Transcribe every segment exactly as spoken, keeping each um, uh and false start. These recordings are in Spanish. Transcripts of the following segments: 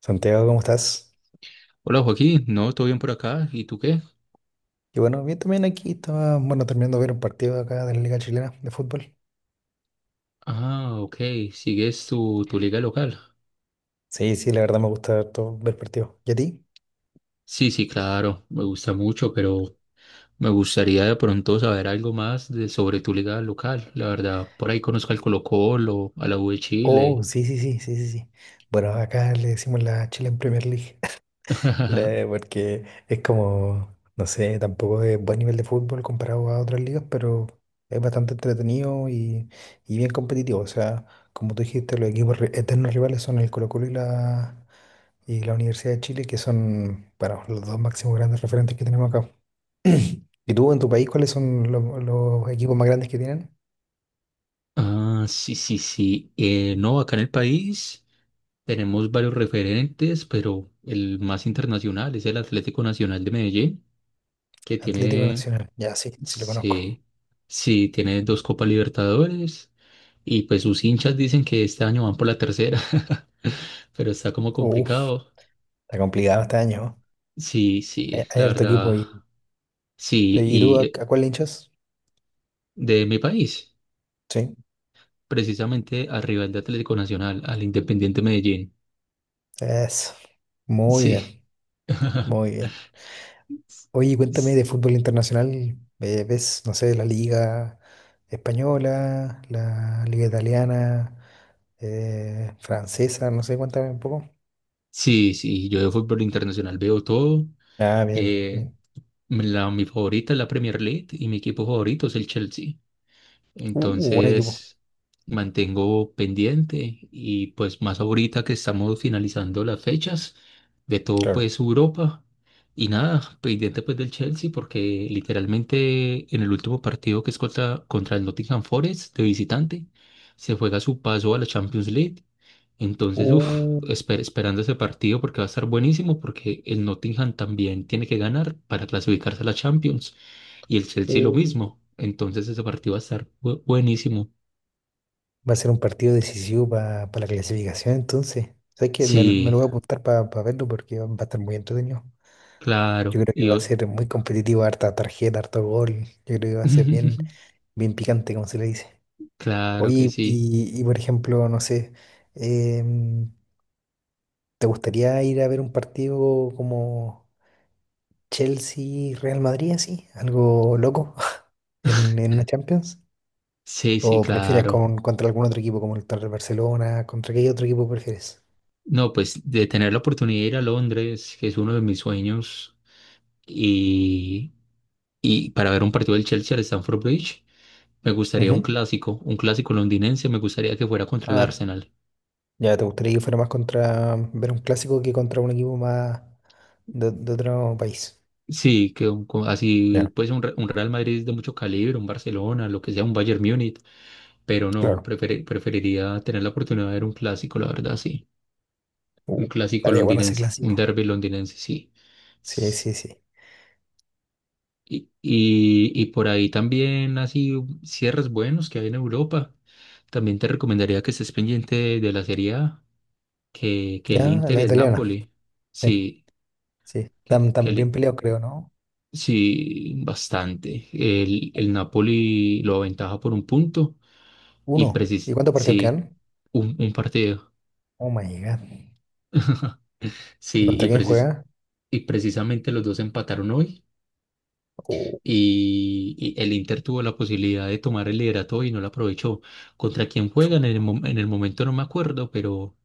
Santiago, ¿cómo estás? Hola Joaquín, no, todo bien por acá. ¿Y tú qué? Y bueno, bien también aquí estaba, bueno, terminando de ver un partido acá de la Liga Chilena de fútbol. Ah, ok, ¿sigues tu, tu liga local? Sí, sí, la verdad me gusta harto ver partidos. ¿Y a ti? Sí, sí, claro, me gusta mucho, pero me gustaría de pronto saber algo más de, sobre tu liga local. La verdad, por ahí conozco al Colo-Colo, a la U de Oh, Chile. sí, sí, sí, sí, sí, sí. Bueno, acá le decimos la Chilean Premier League. Le- Porque es como, no sé, tampoco es buen nivel de fútbol comparado a otras ligas, pero es bastante entretenido y, y bien competitivo. O sea, como tú dijiste, los equipos ri- eternos rivales son el Colo-Colo y la, y la Universidad de Chile, que son, bueno, los dos máximos grandes referentes que tenemos acá. ¿Y tú en tu país cuáles son lo- los, equipos más grandes que tienen? Ah, sí, sí, sí. Eh, no, acá en el país tenemos varios referentes, pero el más internacional es el Atlético Nacional de Medellín, que Atlético tiene, Nacional. Ya, sí, sí lo conozco. sí, sí, tiene dos Copas Libertadores. Y pues sus hinchas dicen que este año van por la tercera, pero está como Uf, complicado. está complicado este año, ¿no? Sí, Hay, sí, hay la harto equipo verdad, y, sí. ¿Y tú Y a, eh, a cuál le hinchas? de mi país, Sí. precisamente al rival de Atlético Nacional, al Independiente Medellín. Eso. Muy Sí. bien, muy bien. Oye, cuéntame S- de fútbol internacional. eh, ¿Ves, no sé, la liga española, la liga italiana, eh, francesa? No sé, cuéntame un poco. Sí, sí, yo de fútbol internacional veo todo. Ah, bien, Eh, bien. La, mi favorita es la Premier League y mi equipo favorito es el Chelsea. Uh, buen equipo, Entonces, mantengo pendiente y pues más ahorita que estamos finalizando las fechas de todo claro. pues Europa, y nada, pendiente pues del Chelsea porque literalmente en el último partido que es contra, contra el Nottingham Forest de visitante, se juega su paso a la Champions League. Entonces, uff, Uh, esperando ese partido porque va a estar buenísimo porque el Nottingham también tiene que ganar para clasificarse a la Champions y el Chelsea lo uh. mismo. Entonces ese partido va a estar bu- buenísimo. Va a ser un partido decisivo para la clasificación, entonces. ¿Sabes qué? Me, lo me lo Sí, voy a apuntar para verlo porque va va a estar muy entretenido. Yo claro. creo que Y va a ot- ser muy competitivo, harta tarjeta, harto gol. Yo creo que va a ser bien, bien picante, como se le dice. claro que Oye, sí. y, y por ejemplo, no sé, em, ¿te gustaría ir a ver un partido como Chelsea-Real Madrid, así? ¿Algo loco en, en la Champions? Sí, sí, ¿O prefieres claro. con, contra algún otro equipo, como el contra el Barcelona? ¿Contra qué otro equipo prefieres? No, pues de tener la oportunidad de ir a Londres, que es uno de mis sueños, y, y para ver un partido del Chelsea al Stamford Bridge, me gustaría un Ujú. clásico, un clásico londinense, me gustaría que fuera contra el Ah, Arsenal. ya, ¿te gustaría que fuera más contra ver un clásico que contra un equipo más de, de otro país? Sí, que un- co- así Ya, pues un, Re- un Real Madrid de mucho calibre, un Barcelona, lo que sea, un Bayern Múnich. Pero no, claro. prefer- preferiría tener la oportunidad de ver un clásico, la verdad, sí. Uh, Un clásico estaría bueno ese londinense, un clásico. derby londinense, sí. Sí, S- sí, sí. Y, y, y por ahí también así cierres buenos que hay en Europa. También te recomendaría que estés pendiente de, la Serie A, que, que el Ya, Inter la y el italiana. Napoli. Sí, Sí, sí. que, Están, que tan bien el- peleados, creo, ¿no? sí, bastante. El, el Napoli lo aventaja por un punto y Uno. ¿Y precis cuántos partidos sí, quedan? un, un partido. Oh my God. ¿Y Sí, contra y quién precis juega? y precisamente los dos empataron hoy. Uh, Y, y el Inter tuvo la posibilidad de tomar el liderato y no lo aprovechó. ¿Contra quién chu. juegan? En el, mom- en el momento no me acuerdo, pero,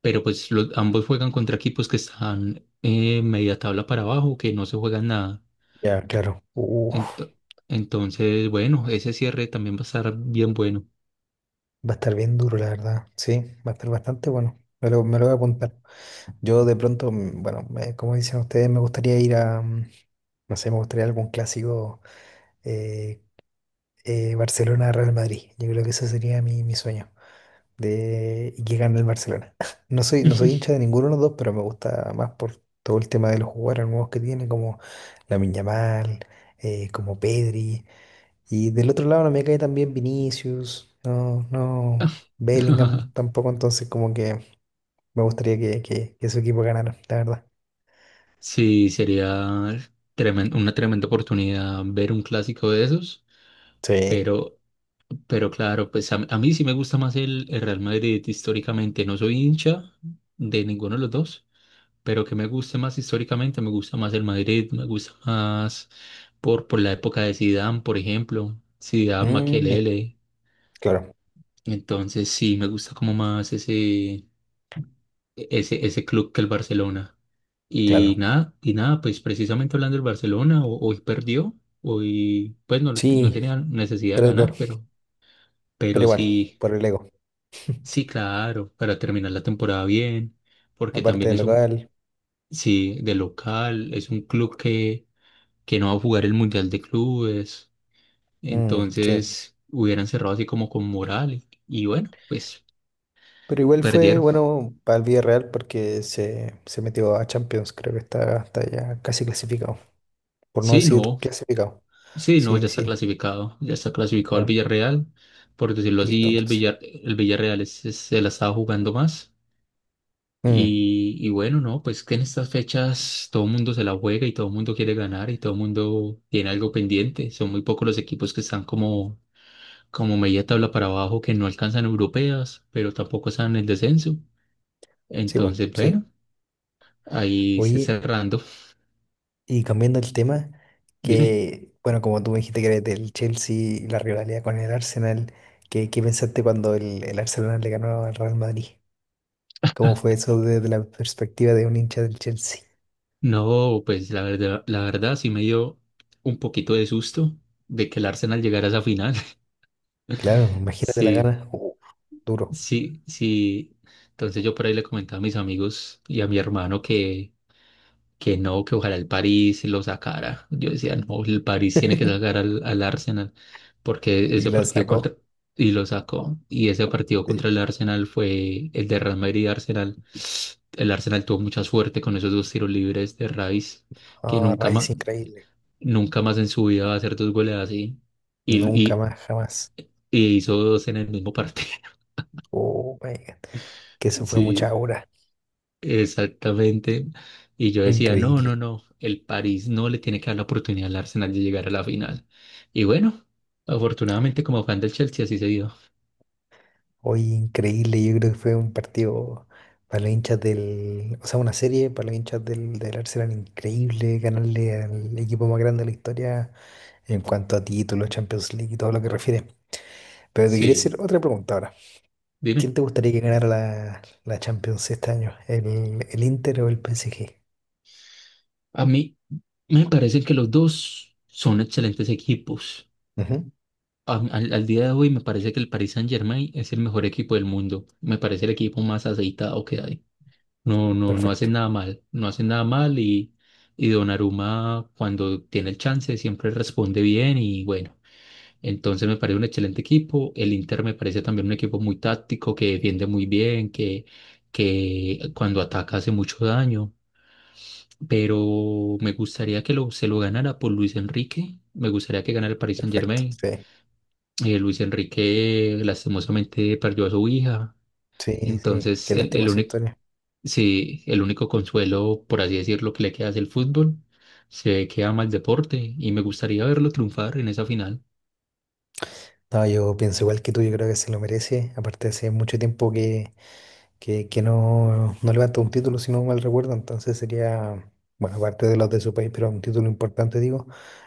pero pues los, ambos juegan contra equipos que están eh, media tabla para abajo, que no se juegan nada. Ya, claro. Uf, Ento- entonces, bueno, ese cierre también va a estar bien bueno. va a estar bien duro, la verdad. Sí, va a estar bastante bueno. Me lo, me lo voy a apuntar. Yo de pronto, mm, bueno, me- como dicen ustedes, me gustaría ir a, mm, no sé, me gustaría algún clásico eh, eh, Barcelona-Real Madrid. Yo creo que ese sería mi, mi sueño. De, y que gane el Barcelona. No soy, no soy hincha de ninguno de los dos, pero me gusta más por todo el tema de los jugadores nuevos que tiene, como Lamine Yamal, eh, como Pedri. Y del otro lado no me cae también Vinicius, no, no, Bellingham tampoco, entonces como que me gustaría que, que, que su equipo ganara, la verdad. Sí, sería tremen- una tremenda oportunidad ver un clásico de esos, Sí. pero. Pero claro, pues a, a mí sí me gusta más el, el Real Madrid históricamente. No soy hincha de ninguno de los dos, pero que me guste más históricamente, me gusta más el Madrid, me gusta más por, por la época de Zidane, por ejemplo, Zidane, Mm, Makelele. claro, Entonces sí, me gusta como más ese, ese, ese club que el Barcelona. Y claro. nada, y nada, pues precisamente hablando del Barcelona, ho- hoy perdió, hoy pues no, no Sí, tenía necesidad de tres dos ganar, pero, pero pero igual, sí. por el ego. Sí, claro, para terminar la temporada bien, porque Aparte también del es un, local, sí, de local, es un club que, que no va a jugar el Mundial de Clubes, mm, sí. entonces hubieran cerrado así como con moral y, y bueno, pues Pero igual fue perdieron. bueno para el Villarreal porque se, se metió a Champions, creo que está, está ya casi clasificado, por no Sí, decir no, clasificado. sí, no, Sí, ya está sí, clasificado, ya está clasificado el ya, Villarreal, por decirlo listo así, el entonces. Villar, el Villarreal es- es- se la estaba jugando más. Mm, Y, y bueno, no, pues que en estas fechas todo el mundo se la juega y todo el mundo quiere ganar y todo el mundo tiene algo pendiente. Son muy pocos los equipos que están como, como media tabla para abajo, que no alcanzan europeas, pero tampoco están en el descenso. sí, po, Entonces, sí. bueno, ahí se Oye, cerrando. y cambiando el tema, Dime. que bueno, como tú me dijiste que eres del Chelsea y la rivalidad con el Arsenal, ¿qué, ¿qué pensaste cuando el, el Arsenal le ganó al Real Madrid? ¿Cómo fue eso desde la perspectiva de un hincha del Chelsea? No, pues la verdad, la verdad sí me dio un poquito de susto de que el Arsenal llegara a esa final. Claro, imagínate la Sí, gana, uh, duro. sí, sí. Entonces yo por ahí le comentaba a mis amigos y a mi hermano que que no, que ojalá el París lo sacara. Yo decía, no, el París tiene que sacar al, al Arsenal, porque Y ese la partido sacó. contra, y lo sacó, y ese partido contra el Arsenal fue el de Real Madrid y Arsenal. El Arsenal tuvo mucha suerte con esos dos tiros libres de Rice, que Ah, nunca raíz más, increíble. nunca más en su vida va a hacer dos goles así, y, Nunca y, más, jamás. y hizo dos en el mismo partido. Oh my God. Que eso fue mucha Sí. aura. Exactamente. Y yo Fue decía, no, no, increíble. no, el París no le tiene que dar la oportunidad al Arsenal de llegar a la final. Y bueno, afortunadamente como fan del Chelsea así se dio. Hoy increíble. Yo creo que fue un partido para los hinchas del. O sea, una serie para los hinchas del, del Arsenal increíble. Ganarle al equipo más grande de la historia en cuanto a títulos, Champions League y todo lo que refiere. Pero te quería hacer Sí, otra pregunta ahora. ¿Quién dime, te gustaría que ganara la, la Champions este año? ¿El, el Inter o el P S G? a mí me parece que los dos son excelentes equipos. Ujú, A- al, al día de hoy me parece que el Paris Saint-Germain es el mejor equipo del mundo. Me parece el equipo más aceitado que hay. No, no, no perfecto, hacen nada mal, no hacen nada mal y, y Donnarumma cuando tiene el chance siempre responde bien y bueno. Entonces me parece un excelente equipo. El Inter me parece también un equipo muy táctico, que defiende muy bien, que, que cuando ataca hace mucho daño. Pero me gustaría que lo, se lo ganara por Luis Enrique. Me gustaría que ganara el Paris perfecto. Saint-Germain. Sí. Eh, Luis Enrique lastimosamente perdió a su hija. Sí, sí, Entonces qué el, lástima el esa único, historia. sí, el único consuelo, por así decirlo, que le queda es el fútbol. Se ve que ama el deporte y me gustaría verlo triunfar en esa final. No, yo pienso igual que tú, yo creo que se lo merece. Aparte, hace mucho tiempo que, que, que no, no levanta un título, si no mal recuerdo. Entonces sería, bueno, aparte de los de su país, pero un título importante, digo,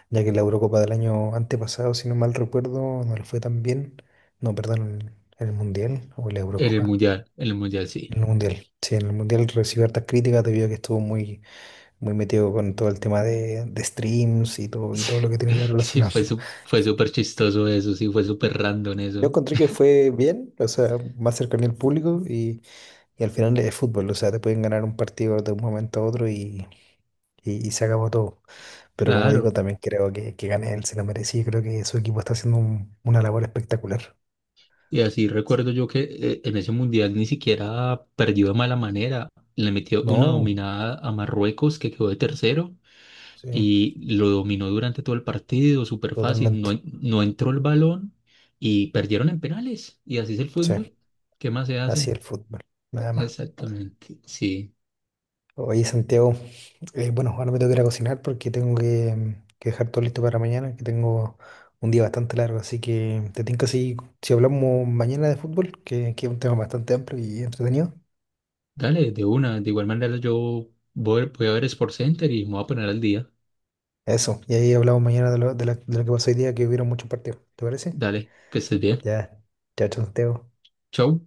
ya que la Eurocopa del año antepasado, si no mal recuerdo, no le fue tan bien. No, perdón, en el Mundial o en la En el Eurocopa. Mundial, en el mundial En sí. el Mundial, sí, en el Mundial recibió hartas críticas debido a que estuvo muy, muy metido con todo el tema de, de streams y todo, y Sí, todo lo que tiene que ver sí, relacionado. fue, su- fue súper chistoso eso, sí, fue súper random Yo eso. encontré que fue bien, o sea, más cercano al público y, y al final es fútbol, o sea, te pueden ganar un partido de un momento a otro y, y, y se acabó todo. Pero como digo, Claro. también creo que, que gane él, se lo merecía, creo que su equipo está haciendo un- una labor espectacular. Y así Sí. recuerdo yo que eh, en ese mundial ni siquiera perdió de mala manera. Le metió una No, dominada a Marruecos que quedó de tercero sí, y lo dominó durante todo el partido, súper fácil. No, totalmente. en- no entró el balón y perdieron en penales. Y así es el Sí, fútbol. ¿Qué más se hace? así el fútbol, nada más. Exactamente. Sí. Oye, Santiago, eh, bueno, ahora me tengo que ir a cocinar porque tengo que, mm, que dejar todo listo para mañana, que tengo un día bastante largo, así que te tengo si, si hablamos mañana de fútbol, que, que es un tema bastante amplio y entretenido. Dale, de una. De igual manera yo voy, voy a ver Sports Center y me voy a poner al día. Eso, y ahí hablamos mañana de lo, de la- de lo que pasó hoy día, que hubieron muchos partidos, ¿te parece? Dale, que estés bien. Ya, chao, chao, Santiago. Chau.